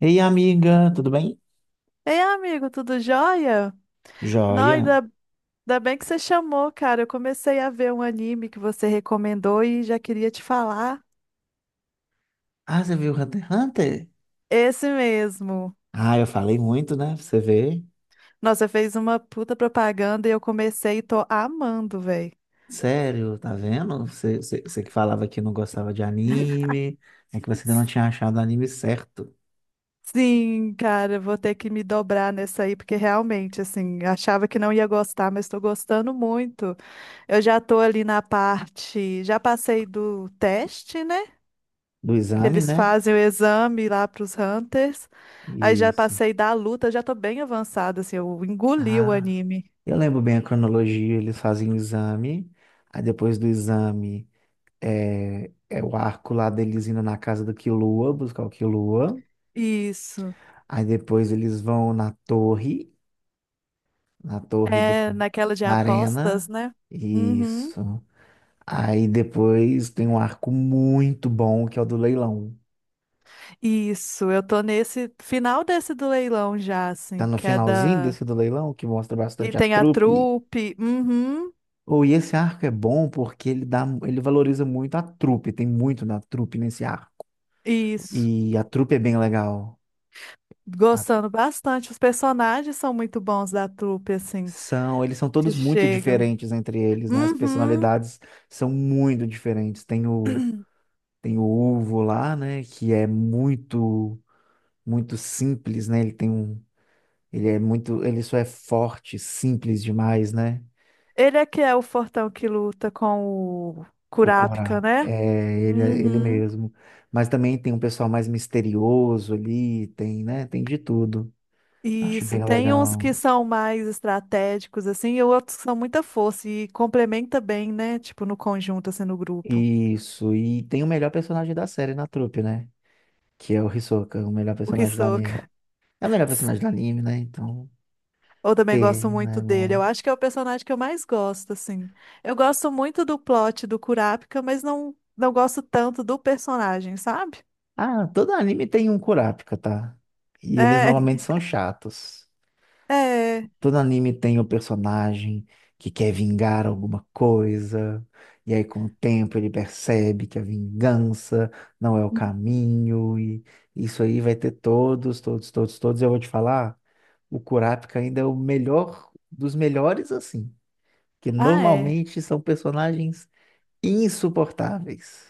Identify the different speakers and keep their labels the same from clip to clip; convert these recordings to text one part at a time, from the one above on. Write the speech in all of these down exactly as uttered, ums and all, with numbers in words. Speaker 1: Ei, amiga, tudo bem?
Speaker 2: Ei, amigo, tudo jóia? Não,
Speaker 1: Joia.
Speaker 2: ainda, ainda bem que você chamou, cara. Eu comecei a ver um anime que você recomendou e já queria te falar.
Speaker 1: Ah, você viu Hunter x Hunter?
Speaker 2: Esse mesmo.
Speaker 1: Ah, eu falei muito, né? Pra você vê?
Speaker 2: Nossa, fez uma puta propaganda e eu comecei e tô amando, velho.
Speaker 1: Sério, tá vendo? Você, você, você que falava que não gostava de anime, é que você ainda não tinha achado o anime certo
Speaker 2: Sim, cara, vou ter que me dobrar nessa aí, porque realmente, assim, achava que não ia gostar, mas tô gostando muito. Eu já tô ali na parte, já passei do teste, né?
Speaker 1: do
Speaker 2: Que
Speaker 1: exame,
Speaker 2: eles
Speaker 1: né?
Speaker 2: fazem o exame lá para os Hunters. Aí já
Speaker 1: Isso.
Speaker 2: passei da luta, já tô bem avançada, assim, eu engoli o
Speaker 1: Ah,
Speaker 2: anime.
Speaker 1: eu lembro bem a cronologia, eles fazem o exame, aí depois do exame é, é o arco lá deles indo na casa do Killua, buscar o Killua,
Speaker 2: Isso.
Speaker 1: aí depois eles vão na torre. Na torre do...
Speaker 2: É naquela de
Speaker 1: Na
Speaker 2: apostas,
Speaker 1: arena.
Speaker 2: né? Uhum.
Speaker 1: Isso. Aí depois tem um arco muito bom, que é o do leilão.
Speaker 2: Isso, eu tô nesse final desse do leilão já,
Speaker 1: Tá
Speaker 2: assim,
Speaker 1: no
Speaker 2: que é
Speaker 1: finalzinho
Speaker 2: da.
Speaker 1: desse do leilão, que mostra
Speaker 2: Que
Speaker 1: bastante a
Speaker 2: tem a
Speaker 1: trupe.
Speaker 2: trupe. Uhum.
Speaker 1: Ou e esse arco é bom porque ele dá, ele valoriza muito a trupe, tem muito na trupe nesse arco.
Speaker 2: Isso.
Speaker 1: E a trupe é bem legal. A-
Speaker 2: Gostando bastante. Os personagens são muito bons da trupe, assim,
Speaker 1: são, eles são
Speaker 2: que
Speaker 1: todos muito
Speaker 2: chegam.
Speaker 1: diferentes entre eles, né? As
Speaker 2: Uhum.
Speaker 1: personalidades são muito diferentes. Tem o, tem o Uvo lá, né? Que é muito muito simples, né? Ele tem um, ele é muito, ele só é forte, simples demais, né?
Speaker 2: Ele é que é o fortão que luta com o
Speaker 1: O Corá,
Speaker 2: Kurapika, né?
Speaker 1: é, ele, é- ele
Speaker 2: Uhum.
Speaker 1: mesmo. Mas também tem um pessoal mais misterioso ali, tem, né? Tem de tudo. Acho
Speaker 2: Isso,
Speaker 1: bem
Speaker 2: tem uns que
Speaker 1: legal.
Speaker 2: são mais estratégicos, assim, e outros que são muita força e complementa bem, né? Tipo, no conjunto, assim, no grupo.
Speaker 1: Isso, e tem o melhor personagem da série na trupe, né? Que é o Hisoka, o melhor
Speaker 2: O
Speaker 1: personagem do anime.
Speaker 2: Hisoka.
Speaker 1: É o melhor personagem do
Speaker 2: Sim.
Speaker 1: anime, né? Então,
Speaker 2: Eu também gosto
Speaker 1: tem,
Speaker 2: muito
Speaker 1: né,
Speaker 2: dele. Eu
Speaker 1: bom.
Speaker 2: acho que é o personagem que eu mais gosto, assim. Eu gosto muito do plot do Kurapika, mas não, não gosto tanto do personagem, sabe?
Speaker 1: Ah, todo anime tem um Kurapika, tá? E eles
Speaker 2: É,
Speaker 1: normalmente são chatos.
Speaker 2: é.
Speaker 1: Todo anime tem o personagem que quer vingar alguma coisa, e aí com o tempo ele percebe que a vingança não é o caminho, e isso aí vai ter todos, todos, todos, todos. Eu vou te falar, o Kurapika ainda é o melhor dos melhores, assim, que
Speaker 2: Ah, é.
Speaker 1: normalmente são personagens insuportáveis.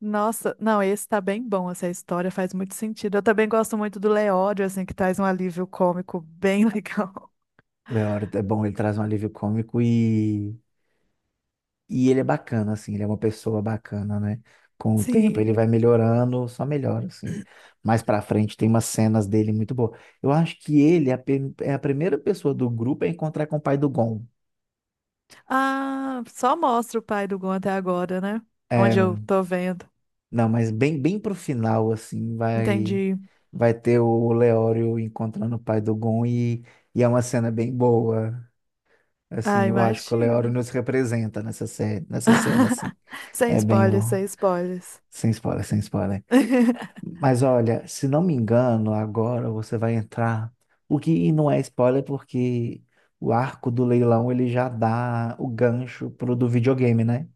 Speaker 2: Nossa, não, esse tá bem bom, essa história faz muito sentido. Eu também gosto muito do Leódio, assim, que traz um alívio cômico bem legal.
Speaker 1: Leório é bom, ele traz um alívio cômico e E ele é bacana, assim, ele é uma pessoa bacana, né? Com o tempo
Speaker 2: Sim.
Speaker 1: ele vai melhorando, só melhora, assim. Mais pra frente tem umas cenas dele muito boas. Eu acho que ele é a, pe- é a primeira pessoa do grupo a encontrar com o pai do Gon.
Speaker 2: Ah, só mostra o pai do Gon até agora, né?
Speaker 1: É,
Speaker 2: Onde eu tô vendo.
Speaker 1: não, mas bem, bem pro final, assim, vai
Speaker 2: Entendi.
Speaker 1: vai ter o Leório encontrando o pai do Gon e, e é uma cena bem boa.
Speaker 2: Ah,
Speaker 1: Assim, eu acho que o Leório
Speaker 2: imagino.
Speaker 1: nos representa nessa série, nessa cena, assim.
Speaker 2: Sem
Speaker 1: É bem,
Speaker 2: spoilers,
Speaker 1: vou-
Speaker 2: sem spoilers.
Speaker 1: Sem spoiler, sem spoiler. Mas olha, se não me engano, agora você vai entrar. O que e não é spoiler, porque o arco do leilão ele já dá o gancho pro do videogame, né?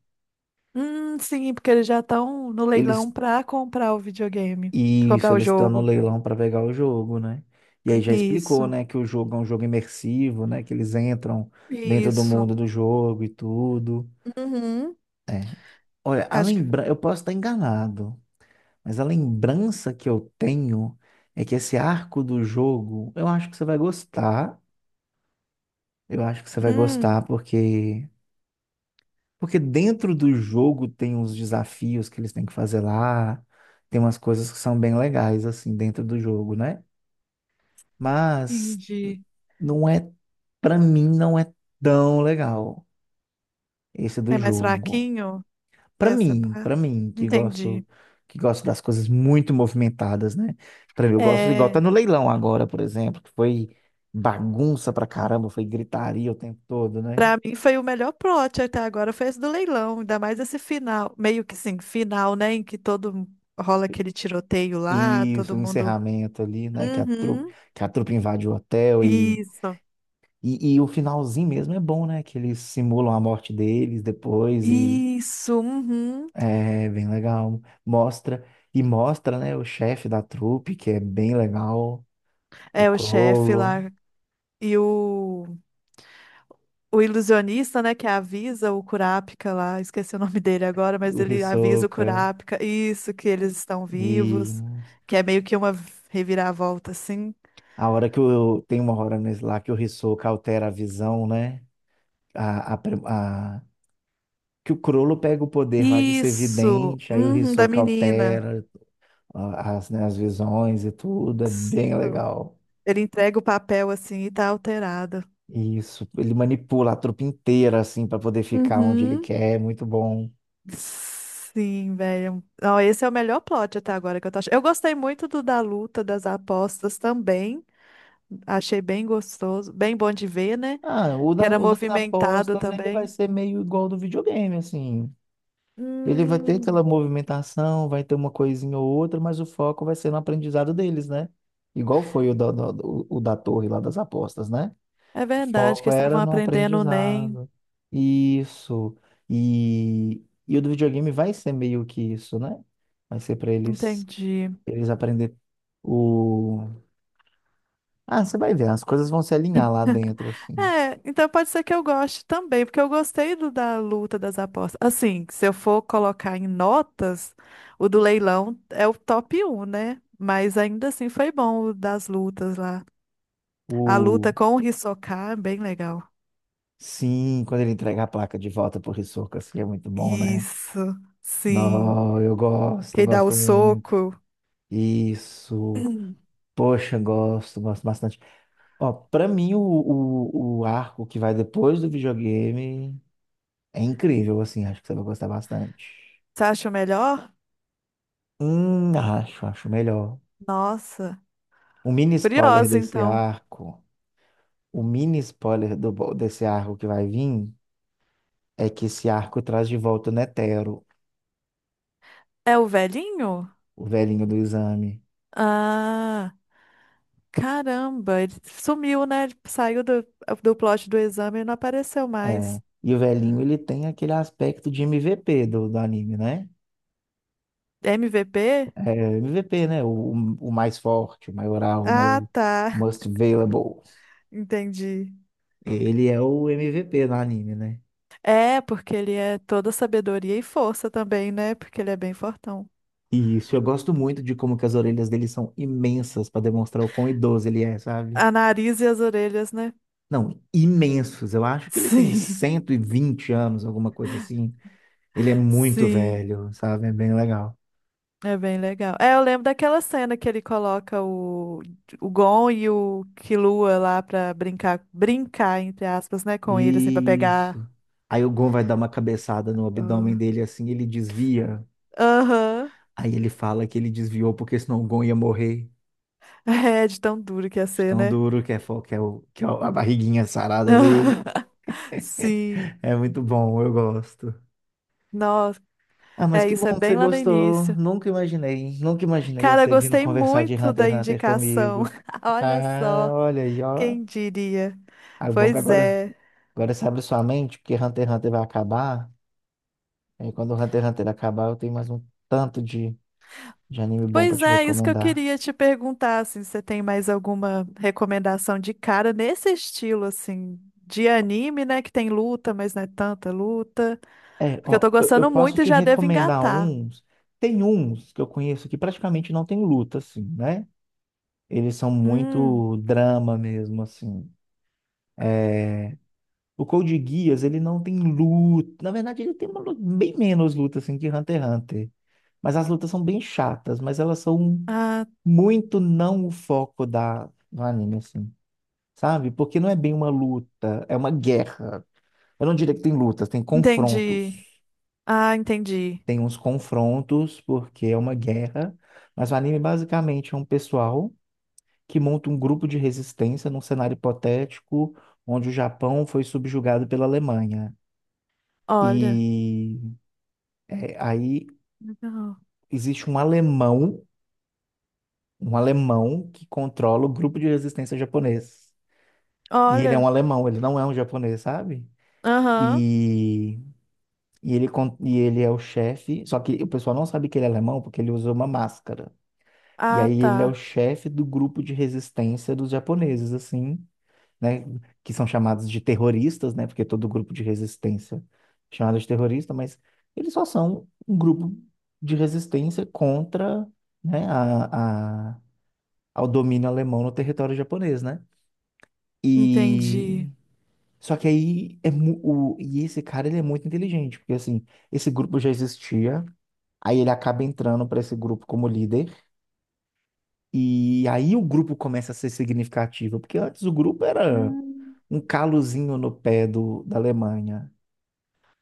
Speaker 2: Hum, sim, porque eles já estão no leilão
Speaker 1: Eles.
Speaker 2: pra comprar o videogame, pra
Speaker 1: Isso,
Speaker 2: comprar o
Speaker 1: eles estão no
Speaker 2: jogo.
Speaker 1: leilão para pegar o jogo, né? E aí já explicou,
Speaker 2: Isso,
Speaker 1: né, que o jogo é um jogo imersivo, né? Que eles entram dentro do
Speaker 2: isso.
Speaker 1: mundo do jogo e tudo.
Speaker 2: Uhum,
Speaker 1: É. Olha, a
Speaker 2: acho que.
Speaker 1: lembra... eu posso estar enganado, mas a lembrança que eu tenho é que esse arco do jogo, eu acho que você vai gostar. Eu acho que você vai
Speaker 2: Hum,
Speaker 1: gostar porque porque dentro do jogo tem uns desafios que eles têm que fazer lá, tem umas coisas que são bem legais assim dentro do jogo, né? Mas
Speaker 2: entendi.
Speaker 1: não é, pra mim não é tão legal esse do
Speaker 2: É mais
Speaker 1: jogo.
Speaker 2: fraquinho
Speaker 1: Pra
Speaker 2: essa
Speaker 1: mim,
Speaker 2: parte?
Speaker 1: pra mim que
Speaker 2: Entendi.
Speaker 1: gosto que gosto das coisas muito movimentadas, né? Pra mim eu gosto igual tá
Speaker 2: É,
Speaker 1: no leilão agora, por exemplo, que foi bagunça pra caramba, foi gritaria o tempo todo, né?
Speaker 2: para mim foi o melhor plot até agora, foi esse do leilão, ainda mais esse final, meio que sim, final, né, em que todo rola aquele tiroteio lá,
Speaker 1: Isso,
Speaker 2: todo
Speaker 1: o
Speaker 2: mundo.
Speaker 1: encerramento ali, né? Que a trupe,
Speaker 2: Uhum.
Speaker 1: que a trupe invade o hotel e,
Speaker 2: Isso.
Speaker 1: e, e o finalzinho mesmo é bom, né? Que eles simulam a morte deles depois e
Speaker 2: Isso, uhum.
Speaker 1: é bem legal. Mostra, e mostra, né, o chefe da trupe, que é bem legal, o
Speaker 2: É o chefe
Speaker 1: Crollo,
Speaker 2: lá e o o ilusionista, né, que avisa o Kurapika lá, esqueci o nome dele agora, mas
Speaker 1: o
Speaker 2: ele avisa o
Speaker 1: Hisoka.
Speaker 2: Kurapika, isso, que eles estão
Speaker 1: E
Speaker 2: vivos, que é meio que uma reviravolta, assim.
Speaker 1: a hora que o tem uma hora nesse lá que o Hisoka altera a visão, né? A, a, pre- a- que o Crollo pega o poder lá de ser
Speaker 2: Isso,
Speaker 1: vidente, aí o
Speaker 2: uhum, da
Speaker 1: Hisoka
Speaker 2: menina.
Speaker 1: altera, a- as, né, as visões e tudo, é
Speaker 2: Isso.
Speaker 1: bem legal.
Speaker 2: Ele entrega o papel, assim, e tá alterado.
Speaker 1: Isso, ele manipula a trupe inteira, assim, para poder ficar onde ele
Speaker 2: Uhum.
Speaker 1: quer, é muito bom.
Speaker 2: Sim, velho. Não, esse é o melhor plot até agora que eu tô achando. Eu gostei muito do da luta, das apostas também. Achei bem gostoso, bem bom de ver, né?
Speaker 1: Ah, o,
Speaker 2: Que
Speaker 1: da,
Speaker 2: era
Speaker 1: o das
Speaker 2: movimentado
Speaker 1: apostas, ele vai
Speaker 2: também.
Speaker 1: ser meio igual ao do videogame, assim. Ele vai ter aquela
Speaker 2: Hum,
Speaker 1: movimentação, vai ter uma coisinha ou outra, mas o foco vai ser no aprendizado deles, né? Igual foi o, da- da- o, o da torre lá das apostas, né?
Speaker 2: é
Speaker 1: O
Speaker 2: verdade que
Speaker 1: foco era
Speaker 2: estavam
Speaker 1: no
Speaker 2: aprendendo o N E M.
Speaker 1: aprendizado. Isso. E, e o do videogame vai ser meio que isso, né? Vai ser para eles
Speaker 2: Entendi.
Speaker 1: eles aprender o. Ah, você vai ver, as coisas vão se alinhar lá dentro assim.
Speaker 2: É, então pode ser que eu goste também, porque eu gostei do da luta das apostas. Assim, se eu for colocar em notas, o do leilão é o top um, né? Mas ainda assim foi bom o das lutas lá. A luta
Speaker 1: O
Speaker 2: com o Hisoka é bem legal.
Speaker 1: Sim, quando ele entrega a placa de volta pro Hisoka, assim é muito bom, né?
Speaker 2: Isso, sim.
Speaker 1: Não, eu gosto,
Speaker 2: Quem dá o
Speaker 1: gosto muito.
Speaker 2: soco.
Speaker 1: Isso. Poxa, gosto, gosto bastante. Ó, para mim o, o, o arco que vai depois do videogame é incrível, assim, acho que você vai gostar bastante.
Speaker 2: Você acha o melhor?
Speaker 1: Hum, acho, acho melhor.
Speaker 2: Nossa,
Speaker 1: O mini spoiler
Speaker 2: curiosa
Speaker 1: desse
Speaker 2: então.
Speaker 1: arco, o mini spoiler do, bo- desse arco que vai vir, é que esse arco traz de volta o Netero,
Speaker 2: É o velhinho?
Speaker 1: o velhinho do exame.
Speaker 2: Ah, caramba, ele sumiu, né? Ele saiu do, do plot do exame e não apareceu
Speaker 1: É.
Speaker 2: mais.
Speaker 1: E o velhinho, ele tem aquele aspecto de M V P do, do anime, né?
Speaker 2: M V P?
Speaker 1: É, M V P, né? O, o mais forte, o maioral, né?
Speaker 2: Ah,
Speaker 1: O
Speaker 2: tá.
Speaker 1: most valuable.
Speaker 2: Entendi.
Speaker 1: Ele é o M V P do anime, né?
Speaker 2: É, porque ele é toda sabedoria e força também, né? Porque ele é bem fortão.
Speaker 1: Isso, eu gosto muito de como que as orelhas dele são imensas para demonstrar o quão idoso ele é, sabe?
Speaker 2: A nariz e as orelhas, né?
Speaker 1: Não, imensos. Eu acho que ele tem
Speaker 2: Sim,
Speaker 1: cento e vinte anos, alguma coisa assim. Ele é muito
Speaker 2: sim.
Speaker 1: velho, sabe? É bem legal.
Speaker 2: É bem legal. É, eu lembro daquela cena que ele coloca o, o Gon e o Killua lá pra brincar, brincar, entre aspas, né, com ele, assim, pra pegar.
Speaker 1: Isso. Aí o Gon vai dar uma cabeçada no abdômen dele assim, ele desvia.
Speaker 2: Aham.
Speaker 1: Aí ele fala que ele desviou porque senão o Gon ia morrer.
Speaker 2: É de tão duro que ia
Speaker 1: De
Speaker 2: ser,
Speaker 1: tão
Speaker 2: né?
Speaker 1: duro que é, fo- que é, o, que é a barriguinha sarada dele.
Speaker 2: Sim.
Speaker 1: É muito bom, eu gosto.
Speaker 2: Nossa,
Speaker 1: Ah, mas
Speaker 2: é
Speaker 1: que
Speaker 2: isso, é
Speaker 1: bom que você
Speaker 2: bem lá no
Speaker 1: gostou.
Speaker 2: início.
Speaker 1: Nunca imaginei, nunca imaginei
Speaker 2: Cara, eu
Speaker 1: você vindo
Speaker 2: gostei
Speaker 1: conversar de
Speaker 2: muito
Speaker 1: Hunter
Speaker 2: da
Speaker 1: x Hunter
Speaker 2: indicação.
Speaker 1: comigo.
Speaker 2: Olha
Speaker 1: Ah,
Speaker 2: só,
Speaker 1: olha aí, ó.
Speaker 2: quem diria?
Speaker 1: Ah, bom que
Speaker 2: Pois
Speaker 1: agora,
Speaker 2: é.
Speaker 1: agora você abre sua mente, porque Hunter x Hunter vai acabar. Aí quando o Hunter x Hunter acabar, eu tenho mais um tanto de, de anime bom pra
Speaker 2: Pois
Speaker 1: te
Speaker 2: é, isso que eu
Speaker 1: recomendar.
Speaker 2: queria te perguntar, assim, se você tem mais alguma recomendação de cara nesse estilo, assim, de anime, né, que tem luta, mas não é tanta luta,
Speaker 1: É,
Speaker 2: porque eu tô
Speaker 1: ó, eu, eu
Speaker 2: gostando
Speaker 1: posso
Speaker 2: muito e
Speaker 1: te
Speaker 2: já devo
Speaker 1: recomendar
Speaker 2: engatar.
Speaker 1: uns. Tem uns que eu conheço que praticamente não tem luta, assim, né? Eles são
Speaker 2: Hum,
Speaker 1: muito drama mesmo, assim. O Code Geass, ele não tem luta. Na verdade, ele tem uma luta, bem menos luta assim que Hunter x Hunter. Mas as lutas são bem chatas, mas elas são
Speaker 2: ah,
Speaker 1: muito não o foco da do anime assim, sabe? Porque não é bem uma luta, é uma guerra. Eu não diria que tem lutas, tem confrontos.
Speaker 2: entendi. Ah, entendi.
Speaker 1: Tem uns confrontos porque é uma guerra, mas o anime basicamente é um pessoal que monta um grupo de resistência num cenário hipotético onde o Japão foi subjugado pela Alemanha.
Speaker 2: Olha,
Speaker 1: E, é, aí
Speaker 2: legal.
Speaker 1: existe um alemão, um alemão que controla o grupo de resistência japonês. E ele é
Speaker 2: Olha,
Speaker 1: um alemão, ele não é um japonês, sabe?
Speaker 2: aham.
Speaker 1: E, e, ele, con- e ele é o chefe, só que o pessoal não sabe que ele é alemão porque ele usa uma máscara. E
Speaker 2: Ah,
Speaker 1: aí ele é o
Speaker 2: tá.
Speaker 1: chefe do grupo de resistência dos japoneses, assim, né, que são chamados de terroristas, né, porque todo grupo de resistência é chamado de terrorista, mas eles só são um grupo de resistência contra, né, a, a, ao domínio alemão no território japonês, né? E
Speaker 2: Entendi.
Speaker 1: só que aí, é mu- o, e esse cara ele é muito inteligente, porque assim, esse grupo já existia, aí ele acaba entrando para esse grupo como líder. E aí o grupo começa a ser significativo, porque antes o grupo era
Speaker 2: Hum.
Speaker 1: um calozinho no pé do, da Alemanha.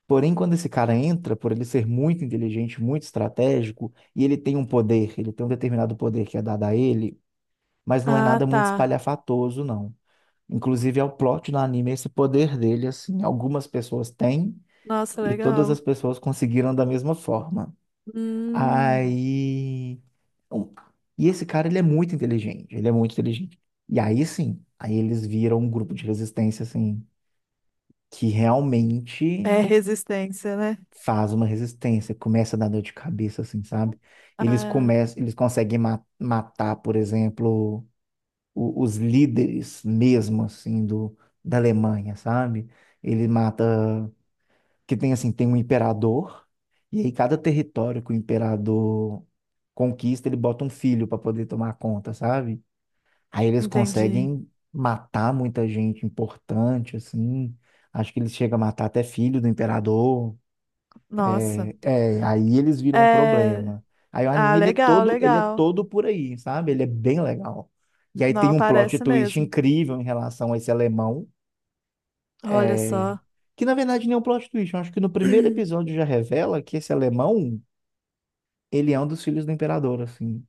Speaker 1: Porém, quando esse cara entra, por ele ser muito inteligente, muito estratégico, e ele tem um poder, ele tem um determinado poder que é dado a ele, mas não é
Speaker 2: Ah,
Speaker 1: nada muito
Speaker 2: tá.
Speaker 1: espalhafatoso, não. Inclusive, é o plot no anime esse poder dele, assim, algumas pessoas têm
Speaker 2: Nossa,
Speaker 1: e todas as
Speaker 2: legal.
Speaker 1: pessoas conseguiram da mesma forma.
Speaker 2: Hum,
Speaker 1: Aí. um- E esse cara, ele é muito inteligente, ele é muito inteligente. E aí sim, aí eles viram um grupo de resistência, assim, que realmente
Speaker 2: é resistência, né?
Speaker 1: faz uma resistência, começa a dar dor de cabeça, assim, sabe? Eles
Speaker 2: Ah,
Speaker 1: começam, eles conseguem ma- matar, por exemplo, o- os líderes mesmo, assim, do, da Alemanha, sabe? Ele mata. Que tem assim, tem um imperador, e aí cada território que o imperador conquista, ele bota um filho para poder tomar conta, sabe? Aí eles
Speaker 2: entendi.
Speaker 1: conseguem matar muita gente importante, assim. Acho que eles chegam a matar até filho do imperador.
Speaker 2: Nossa.
Speaker 1: É, é, aí eles viram um
Speaker 2: É.
Speaker 1: problema. Aí o
Speaker 2: Ah,
Speaker 1: anime ele é
Speaker 2: legal,
Speaker 1: todo, ele é
Speaker 2: legal.
Speaker 1: todo por aí, sabe? Ele é bem legal. E aí tem
Speaker 2: Não,
Speaker 1: um plot
Speaker 2: parece
Speaker 1: twist
Speaker 2: mesmo.
Speaker 1: incrível em relação a esse alemão
Speaker 2: Olha
Speaker 1: é,
Speaker 2: só.
Speaker 1: Que na verdade nem é um plot twist. Eu acho que no primeiro episódio já revela que esse alemão, ele é um dos filhos do imperador, assim.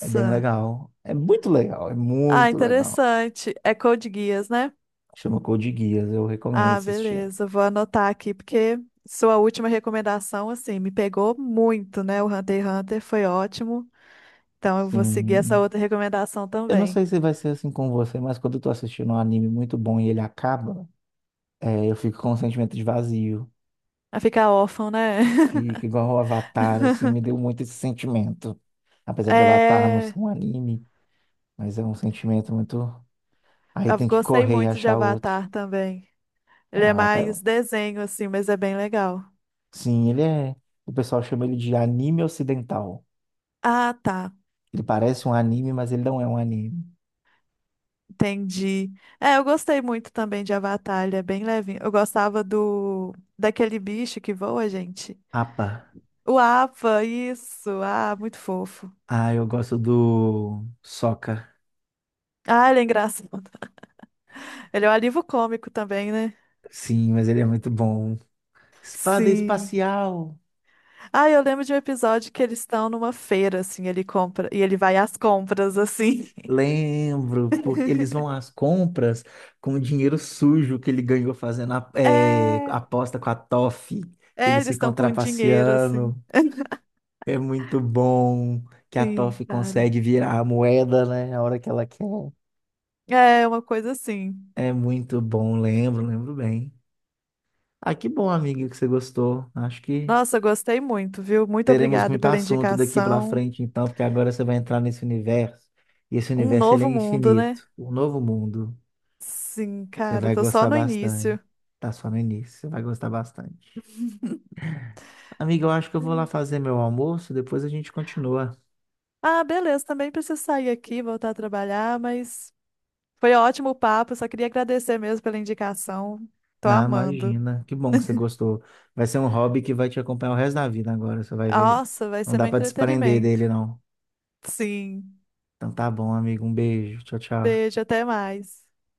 Speaker 1: É bem legal. É muito legal, é
Speaker 2: Ah,
Speaker 1: muito legal.
Speaker 2: interessante. É Code Geass, né?
Speaker 1: Chama Code Geass, eu recomendo
Speaker 2: Ah,
Speaker 1: assistir.
Speaker 2: beleza. Vou anotar aqui, porque sua última recomendação, assim, me pegou muito, né? O Hunter x Hunter foi ótimo. Então, eu vou seguir essa
Speaker 1: Sim.
Speaker 2: outra recomendação
Speaker 1: Eu não
Speaker 2: também.
Speaker 1: sei se vai ser assim com você, mas quando eu tô assistindo um anime muito bom e ele acaba, é, eu fico com um sentimento de vazio.
Speaker 2: A ficar órfão, né?
Speaker 1: Fica igual o Avatar, assim, me deu muito esse sentimento. Apesar de Avatar não
Speaker 2: É.
Speaker 1: ser um anime, mas é um sentimento muito. Aí
Speaker 2: Eu
Speaker 1: tem que
Speaker 2: gostei
Speaker 1: correr e
Speaker 2: muito de
Speaker 1: achar
Speaker 2: Avatar
Speaker 1: outro.
Speaker 2: também.
Speaker 1: É,
Speaker 2: Ele é
Speaker 1: ah, tá-
Speaker 2: mais desenho, assim, mas é bem legal.
Speaker 1: sim, ele é. O pessoal chama ele de anime ocidental.
Speaker 2: Ah, tá.
Speaker 1: Ele parece um anime, mas ele não é um anime.
Speaker 2: Entendi. É, eu gostei muito também de Avatar. Ele é bem levinho. Eu gostava do. Daquele bicho que voa, gente.
Speaker 1: Apa.
Speaker 2: O Apa, isso. Ah, muito fofo.
Speaker 1: Ah, eu gosto do Sokka.
Speaker 2: Ah, ele é engraçado. Ele é um alívio cômico também, né?
Speaker 1: Sim, mas ele é muito bom. Espada
Speaker 2: Sim.
Speaker 1: espacial.
Speaker 2: Ah, eu lembro de um episódio que eles estão numa feira, assim, ele compra e ele vai às compras, assim.
Speaker 1: Lembro, porque eles vão às compras com o dinheiro sujo que ele ganhou fazendo a, é,
Speaker 2: É,
Speaker 1: aposta com a Toff.
Speaker 2: é,
Speaker 1: Eles
Speaker 2: eles estão
Speaker 1: ficam
Speaker 2: com dinheiro, assim.
Speaker 1: trapaceando. É muito bom que a
Speaker 2: Sim,
Speaker 1: Toff
Speaker 2: cara.
Speaker 1: consegue virar a moeda, né? A hora que ela quer.
Speaker 2: É uma coisa assim.
Speaker 1: É muito bom, lembro, lembro bem. Ah, que bom, amigo, que você gostou. Acho que
Speaker 2: Nossa, gostei muito, viu? Muito
Speaker 1: teremos
Speaker 2: obrigada
Speaker 1: muito
Speaker 2: pela
Speaker 1: assunto daqui para
Speaker 2: indicação.
Speaker 1: frente, então, porque agora você vai entrar nesse universo, e esse
Speaker 2: Um
Speaker 1: universo ele é
Speaker 2: novo mundo, né?
Speaker 1: infinito. O novo mundo,
Speaker 2: Sim,
Speaker 1: você
Speaker 2: cara,
Speaker 1: vai
Speaker 2: tô só
Speaker 1: gostar
Speaker 2: no
Speaker 1: bastante.
Speaker 2: início.
Speaker 1: Tá só no início, você vai gostar bastante. Amigo, eu acho que eu vou lá fazer meu almoço, depois a gente continua.
Speaker 2: Ah, beleza, também preciso sair aqui, voltar a trabalhar, mas foi ótimo o papo, só queria agradecer mesmo pela indicação. Tô
Speaker 1: Na,
Speaker 2: amando.
Speaker 1: imagina, que bom que você gostou. Vai ser um hobby que vai te acompanhar o resto da vida agora, você vai ver.
Speaker 2: Nossa, vai
Speaker 1: Não
Speaker 2: ser
Speaker 1: dá
Speaker 2: meu
Speaker 1: para desprender
Speaker 2: entretenimento.
Speaker 1: dele, não.
Speaker 2: Sim.
Speaker 1: Então tá bom, amigo, um beijo. Tchau, tchau.
Speaker 2: Beijo, até mais.